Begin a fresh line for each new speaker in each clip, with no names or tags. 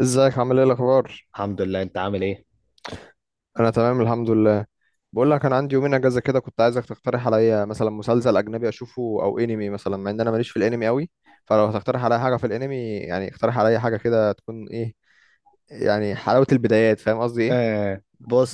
ازيك عامل ايه الاخبار؟
الحمد لله. انت عامل ايه؟
انا تمام الحمد لله. بقول لك انا عندي يومين اجازه كده، كنت عايزك تقترح عليا مثلا مسلسل اجنبي اشوفه او انمي مثلا، مع ان انا ماليش في الانمي قوي. فلو هتقترح عليا حاجه في الانمي، يعني اقترح عليا حاجه كده تكون ايه يعني حلاوه البدايات، فاهم قصدي ايه، إن
آه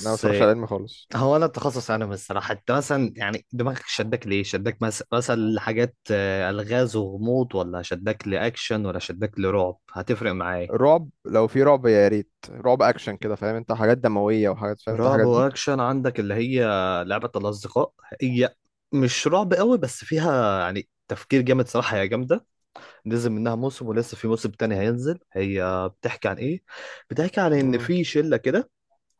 انا ما بتفرجش على الانمي خالص.
هو انا التخصص، انا الصراحه، انت مثلا يعني دماغك شدك ليه؟ شدك مثلا لحاجات الغاز وغموض، ولا شدك لاكشن، ولا شدك لرعب؟ هتفرق معايا.
رعب، لو في رعب يا ريت، رعب اكشن كده، فاهم، انت حاجات دمويه وحاجات، فاهم انت
رعب
الحاجات دي.
واكشن، عندك اللي هي لعبه الاصدقاء. هي مش رعب قوي بس فيها يعني تفكير جامد صراحه، هي جامده. نزل منها موسم ولسه في موسم تاني هينزل. هي بتحكي عن ايه؟ بتحكي عن ان
امم.
في شله كده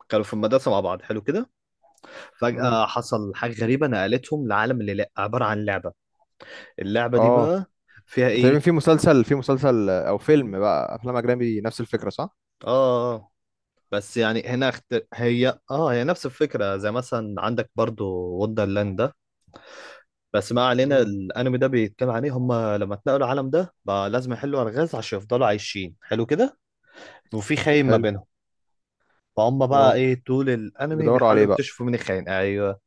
كانوا في المدرسه مع بعض، حلو كده.
امم.
فجأة حصل حاجة غريبة نقلتهم لعالم اللي لا عبارة عن لعبة. اللعبة دي
اه
بقى فيها
تقريبا،
ايه؟
في مسلسل او
مم.
فيلم بقى افلام اجنبي، نفس الفكره صح؟
اه. آه. بس يعني هنا هي نفس الفكرة زي مثلا عندك برضو وندرلاند ده. بس ما علينا،
امم.
الانمي ده بيتكلم عليه، هم لما اتنقلوا العالم ده بقى لازم يحلوا الغاز عشان يفضلوا عايشين، حلو كده. وفي خاين ما
حلو.
بينهم. فهم بقى
اه.
ايه، طول الانمي
بيدوروا
بيحاولوا
عليه بقى.
يكتشفوا مين الخاين. ايوه.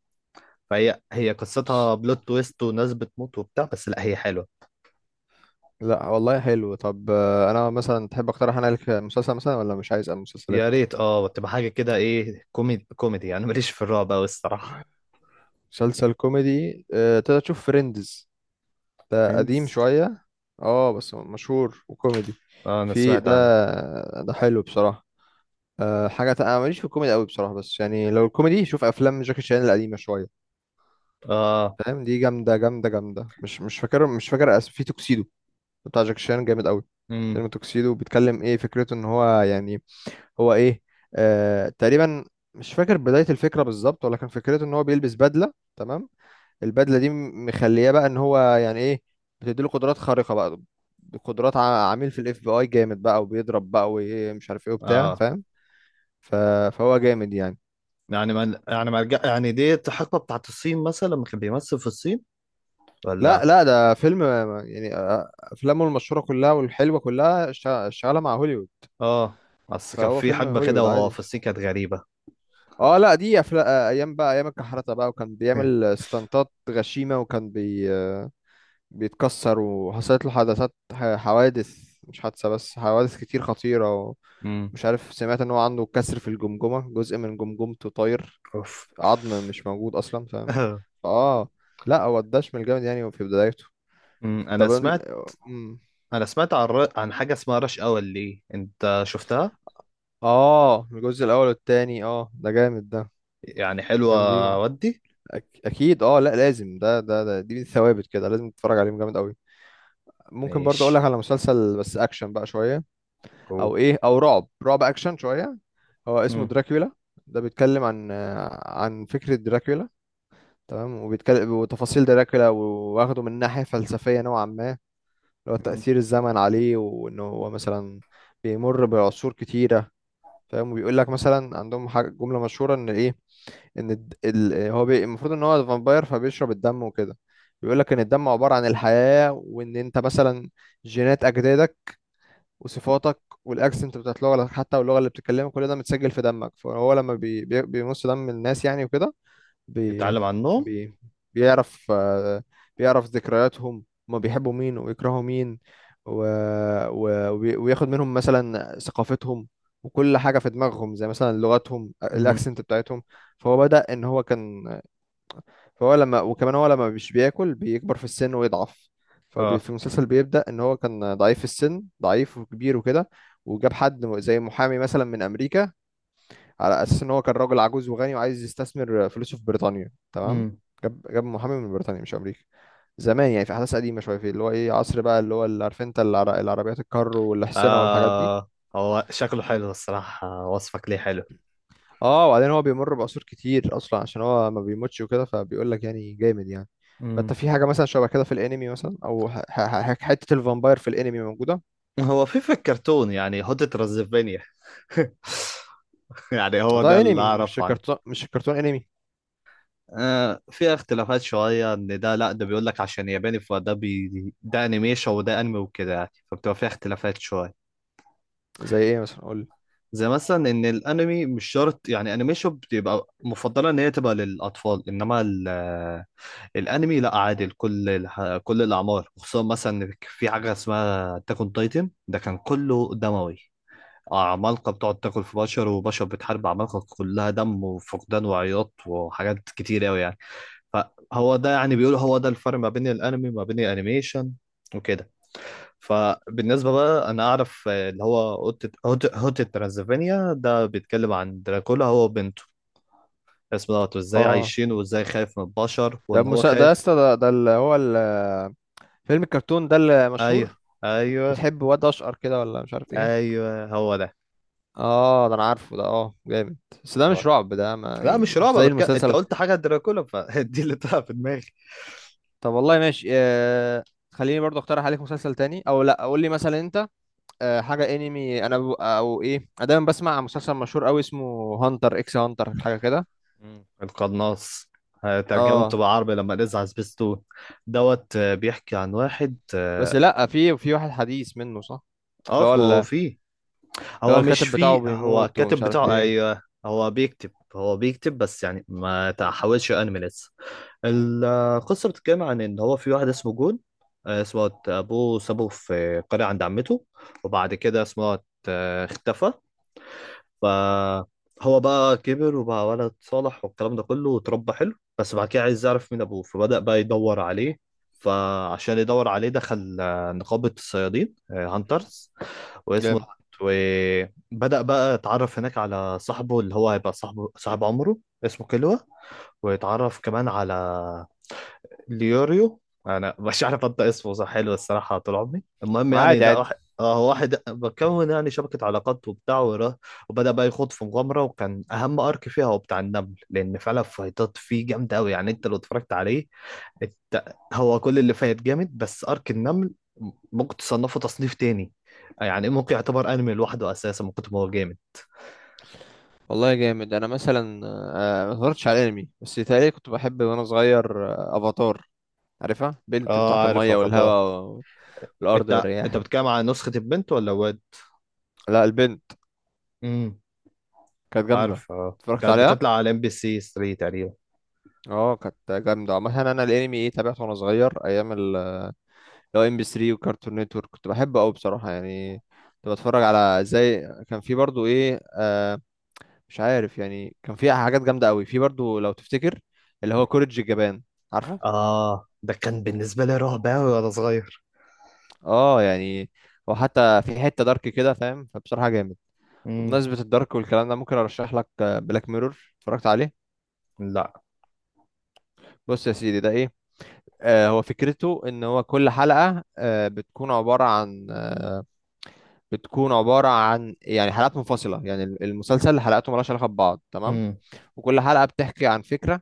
فهي قصتها بلوت تويست وناس بتموت وبتاع، بس لا هي حلوة.
لا والله حلو. طب انا مثلا تحب اقترح انا لك مسلسل مثلا، ولا مش عايز
يا
مسلسلات؟
ريت اه تبقى حاجة كده ايه، كوميدي كوميدي، انا ماليش في الرعب اوي الصراحة.
مسلسل كوميدي؟ تقدر تشوف فريندز. ده قديم
فريندز؟
شوية، اه بس مشهور وكوميدي.
اه انا
في
سمعت
ده.
عنه.
ده حلو بصراحة. أه حاجة انا ماليش في الكوميدي قوي بصراحة، بس يعني لو الكوميدي شوف افلام جاكي شان القديمة شوية،
اه.
فاهم؟ دي جامدة جامدة جامدة. مش فاكر، مش فاكر في توكسيدو، بتاع جاكي شان جامد قوي. فيلم
امم.
توكسيدو بيتكلم ايه، فكرته ان هو يعني، هو ايه، آه تقريبا مش فاكر بداية الفكرة بالظبط، ولكن فكرته ان هو بيلبس بدلة، تمام؟ البدلة دي مخلياه بقى ان هو يعني ايه، بتديله قدرات خارقة بقى، قدرات عميل في الاف بي اي جامد بقى، وبيضرب بقى ومش عارف ايه وبتاع،
اه
فاهم؟ ف... فهو جامد يعني.
يعني ما يعني ما رجع- يعني دي حقبة بتاعت الصين مثلا لما كان بيمثل في الصين،
لا
ولا؟
لا ده فيلم، يعني افلامه المشهورة كلها والحلوة كلها شغالة مع هوليوود،
اه، اصل كان
فهو
في
فيلم
حقبة كده
هوليوود
وهو
عادي.
في الصين كانت غريبة.
اه لا دي أفلا... آه، ايام بقى، ايام الكحرته بقى، وكان بيعمل ستانتات غشيمه، وكان بيتكسر، وحصلت له حدثات حوادث، مش حادثة بس حوادث كتير خطيرة.
امم.
ومش عارف سمعت ان هو عنده كسر في الجمجمة، جزء من جمجمته طاير،
اوف.
عظم مش موجود اصلا، فاهم؟ اه. لا هو الدشم الجامد يعني في بدايته.
انا
طب ال-
سمعت.
مم.
عن عن حاجة اسمها رش اور، ليه انت شفتها؟
اه الجزء الاول والتاني، اه ده جامد ده،
يعني حلوة؟
جامدين.
ودي؟
اكيد اه، لا لازم، ده دي من الثوابت كده، لازم تتفرج عليهم، جامد قوي. ممكن برضه اقول لك
ماشي.
على مسلسل، بس اكشن بقى شوية،
قول.
او ايه او رعب، رعب اكشن شوية. هو اسمه
امم.
دراكولا. ده بيتكلم عن عن فكرة دراكولا، تمام؟ وبيتكلم وتفاصيل دراكولا، واخده من ناحية فلسفية نوعا ما، اللي هو
أمم.
تأثير الزمن عليه، وإنه هو مثلا بيمر بعصور كتيرة، فاهم؟ وبيقول لك مثلا عندهم حاجة، جملة مشهورة إن إيه، إن المفروض إن هو فامباير، فبيشرب الدم وكده. بيقول لك إن الدم عبارة عن الحياة، وإن أنت مثلا جينات أجدادك وصفاتك والاكسنت بتاعت لغتك حتى، واللغه اللي بتتكلمها، كل ده متسجل في دمك. فهو لما بيمص دم الناس يعني وكده، بي
بيتعلم عن النوم.
بي بيعرف بيعرف ذكرياتهم، هما بيحبوا مين ويكرهوا مين، و... وياخد منهم مثلا ثقافتهم وكل حاجة في دماغهم، زي مثلا لغتهم،
مم.
الأكسنت بتاعتهم. فهو بدأ إن هو كان، فهو لما، وكمان هو لما مش بياكل بيكبر في السن ويضعف.
اه.
ففي المسلسل بيبدأ ان هو كان ضعيف في السن، ضعيف وكبير وكده. وجاب حد زي محامي مثلا من امريكا، على اساس ان هو كان راجل عجوز وغني وعايز يستثمر فلوسه في بريطانيا، تمام؟
امم.
جاب محامي من بريطانيا مش امريكا، زمان يعني، في احداث قديمه شويه، في اللي هو ايه عصر بقى، اللي هو اللي عارف انت العربيات الكار والاحصنه والحاجات دي.
آه هو شكله حلو الصراحة، وصفك ليه حلو.
اه وبعدين هو بيمر بعصور كتير اصلا، عشان هو ما بيموتش وكده، فبيقول لك يعني جامد يعني. فانت
امم.
في حاجه مثلا شبه كده في الانمي مثلا، او حته الفامباير في الانمي موجوده.
هو في الكرتون يعني هوتة رزفينيا. يعني هو ده
ده
اللي
انمي مش
أعرفه عنه.
كرتون، انمي.
آه في اختلافات شوية، إن ده لأ، ده بيقول لك عشان ياباني فده بي، ده أنيميشن وده أنمي وكده يعني، فبتبقى فيها اختلافات شوية.
زي ايه مثلا قول لي.
زي مثلا إن الأنمي مش شرط يعني أنيميشن بتبقى مفضلة إن هي تبقى للأطفال، إنما الانمي لا، عادي لكل كل الاعمار، خصوصا مثلا إن في حاجه اسمها تاكون تايتن، ده كان كله دموي، عمالقه بتقعد تاكل في بشر وبشر بتحارب عمالقه، كلها دم وفقدان وعياط وحاجات كتير قوي يعني. فهو ده يعني بيقول، هو ده الفرق ما بين الانمي وما بين الانيميشن وكده. فبالنسبه بقى، انا اعرف اللي هو هوت ترانزفينيا، ده بيتكلم عن دراكولا هو وبنته، اسمه دوت، وازاي
اه
عايشين، وازاي خايف من البشر،
ده
وان هو
ده يا
خايف.
اسطى، ده اللي هو فيلم الكرتون ده اللي
ايوه.
مشهور،
ايوه.
بتحب واد اشقر كده ولا مش عارف ايه.
ايوه هو ده.
اه ده انا عارفه ده، اه جامد. بس ده مش
اه.
رعب، ده ما
لا
يعني
مش
مش
رعب،
زي
انت
المسلسل.
قلت حاجه دراكولا فدي اللي طلع في دماغي.
طب والله ماشي خليني برضو اقترح عليك مسلسل تاني، او لا قول لي مثلا انت. حاجه انمي انا او ايه، انا دايما بسمع مسلسل مشهور قوي، اسمه هانتر اكس هانتر، حاجه كده.
مم. القناص. آه، ترجمته
اه
بالعربي لما نزع سبيستون دوت. آه، بيحكي عن واحد،
بس
اه.
لا، في واحد حديث منه صح، اللي
آه
هو ال-
ما هو
اللي
فيه.
هو
هو مش
الكاتب بتاعه
فيه، هو
بيموت
الكاتب
ومش عارف
بتاعه.
ايه.
ايوه هو بيكتب، بس يعني ما تحاولش، انمي لسه. القصة بتتكلم عن إن هو في واحد اسمه جون. آه اسمه أبوه سابه في قرية عند عمته، وبعد كده اسمه اختفى. فهو بقى كبر وبقى ولد صالح والكلام ده كله وتربى حلو، بس بعد كده عايز يعرف مين أبوه فبدأ بقى يدور عليه. فعشان يدور عليه دخل نقابة الصيادين، هانترز. واسمه.
جامد.
وبدأ بقى يتعرف هناك على صاحبه اللي هو هيبقى صاحبه، صاحب عمره، اسمه كيلوا. ويتعرف كمان على ليوريو، انا مش عارف انطق اسمه صح، حلو الصراحه طول عمري. المهم يعني
وعادي
ده
عادي.
واحد، اه واحد بكون يعني شبكه علاقات وبتاع وبدا بقى يخوض في مغامره، وكان اهم ارك فيها هو بتاع النمل، لان فعلا فايتات فيه جامده قوي يعني. انت لو اتفرجت عليه، انت هو كل اللي فايت جامد، بس ارك النمل ممكن تصنفه تصنيف تاني، يعني ممكن يعتبر انمي لوحده اساسا من كتر ما هو جامد.
والله جامد. انا مثلا ما اتفرجتش على انمي، بس تقريبا كنت بحب وانا صغير افاتار، عارفها، بنت
اه
بتاعت
عارف
الميه
افاتار.
والهواء والارض
انت
والرياح.
بتتكلم على نسخه البنت ولا
لا البنت،
الواد؟
كانت جامده.
عارف، اه
اتفرجت
كانت
عليها.
بتطلع على ام بي سي 3 تقريبا.
اه كانت جامده. مثلا انا الانمي ايه تابعته وانا صغير ايام لو ام بي 3 وكارتون نتورك، كنت بحبه قوي بصراحه يعني. كنت بتفرج على زي كان في برضو ايه، آه مش عارف يعني، كان في حاجات جامده قوي في برضو لو تفتكر، اللي هو كوريدج الجبان، عارفه؟
اه ده كان بالنسبه لي رعب قوي وانا صغير.
اه يعني، وحتى في حته دارك كده فاهم، فبصراحه جامد.
امم.
وبمناسبه الدارك والكلام ده، ممكن ارشح لك بلاك ميرور. اتفرجت عليه؟
لا.
بص يا سيدي ده ايه، آه هو فكرته ان هو كل حلقه بتكون عباره عن بتكون عبارة عن يعني حلقات منفصلة، يعني المسلسل حلقاته مالهاش علاقة ببعض، تمام؟
امم.
وكل حلقة بتحكي عن فكرة،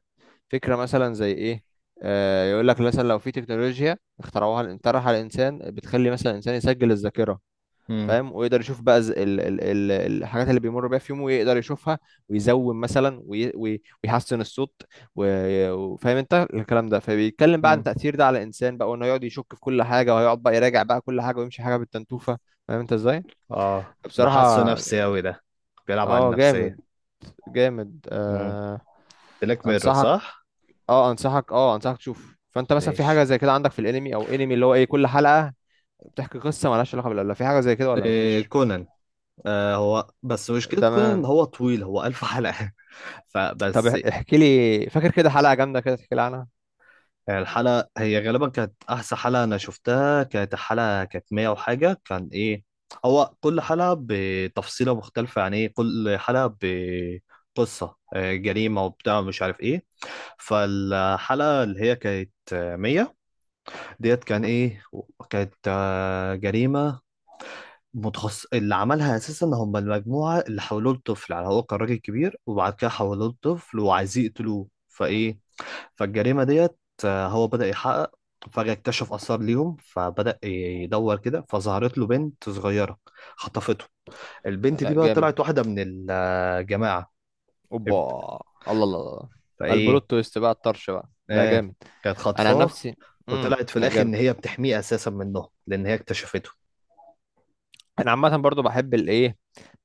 فكرة مثلا زي ايه؟ يقول لك مثلا لو في تكنولوجيا اخترعوها، اخترعها الانسان بتخلي مثلا الانسان يسجل الذاكرة،
امم.
فاهم؟ ويقدر يشوف بقى ز- ال ال ال الحاجات اللي بيمر بيها في يومه ويقدر يشوفها، ويزوم مثلا ويحسن الصوت، وفاهم انت الكلام ده. فبيتكلم بقى عن
امم.
تأثير ده على الانسان بقى، وانه يقعد يشك في كل حاجة، وهيقعد بقى يراجع بقى كل حاجة ويمشي حاجة بالتنتوفة، فاهم انت ازاي؟
اه ده حاسه
بصراحة
نفسي قوي ده، بيلعب على
اه جامد.
النفسيه.
جامد
امم.
آه.
بلاك ميرور
انصحك.
صح.
اه انصحك، اه انصحك تشوف. فانت مثلا في حاجة
ماشي.
زي كده عندك في الانمي، او انمي اللي هو ايه كل حلقة بتحكي قصة مالهاش علاقة بالأولى، في حاجة زي كده ولا
إيه،
مفيش؟
كونان. آه هو بس مشكلة كونان ان
تمام.
هو طويل، هو ألف حلقة.
طب
فبس.
احكي لي، فاكر كده حلقة جامدة كده تحكي لي عنها؟
يعني الحلقة، هي غالبا كانت أحسن حلقة أنا شفتها، كانت الحلقة كانت 100 وحاجة، كان إيه، هو كل حلقة بتفصيلة مختلفة، يعني إيه كل حلقة بقصة جريمة وبتاع، مش عارف إيه. فالحلقة اللي هي كانت 100 ديت كان إيه، كانت جريمة متخصص اللي عملها أساسا هم المجموعة اللي حولوه لطفل، يعني هو كان راجل كبير وبعد كده حولوه لطفل وعايزين يقتلوه. فإيه، فالجريمة ديت هو بدأ يحقق. فجأة اكتشف آثار ليهم فبدأ يدور كده فظهرت له بنت صغيرة خطفته. البنت دي
لا
بقى
جامد.
طلعت واحدة من الجماعة.
اوبا. الله الله الله.
فإيه.
البلوت تويست بقى، الطرش بقى، لا
آه.
جامد.
كانت
انا عن
خاطفاه.
نفسي، امم،
وطلعت في
لا
الآخر إن
جامد.
هي بتحميه أساسا منه لأن هي اكتشفته.
انا عامة برضو بحب الايه،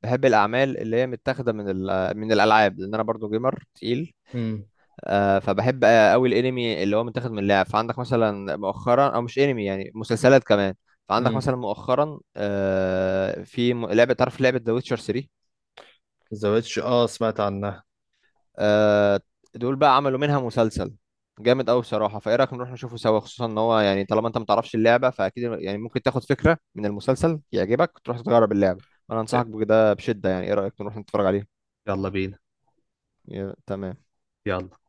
بحب الاعمال اللي هي متاخده من من الالعاب، لان انا برضو جيمر تقيل.
امم.
فبحب قوي الانمي اللي هو متاخد من اللعب. فعندك مثلا مؤخرا، او مش انمي يعني، مسلسلات كمان. فعندك
امم.
مثلا مؤخرا في لعبه، تعرف لعبه ذا ويتشر 3؟
زوجتش آه سمعت عنها.
آه، دول بقى عملوا منها مسلسل جامد قوي بصراحه. فايه رايك نروح نشوفه سوا؟ خصوصا ان هو يعني، طالما انت ما تعرفش اللعبه فاكيد يعني ممكن تاخد فكره من المسلسل يعجبك تروح تجرب اللعبه. انا انصحك بده بشده. يعني ايه رايك، نروح نتفرج عليه؟
يلا بينا.
تمام.
يلا.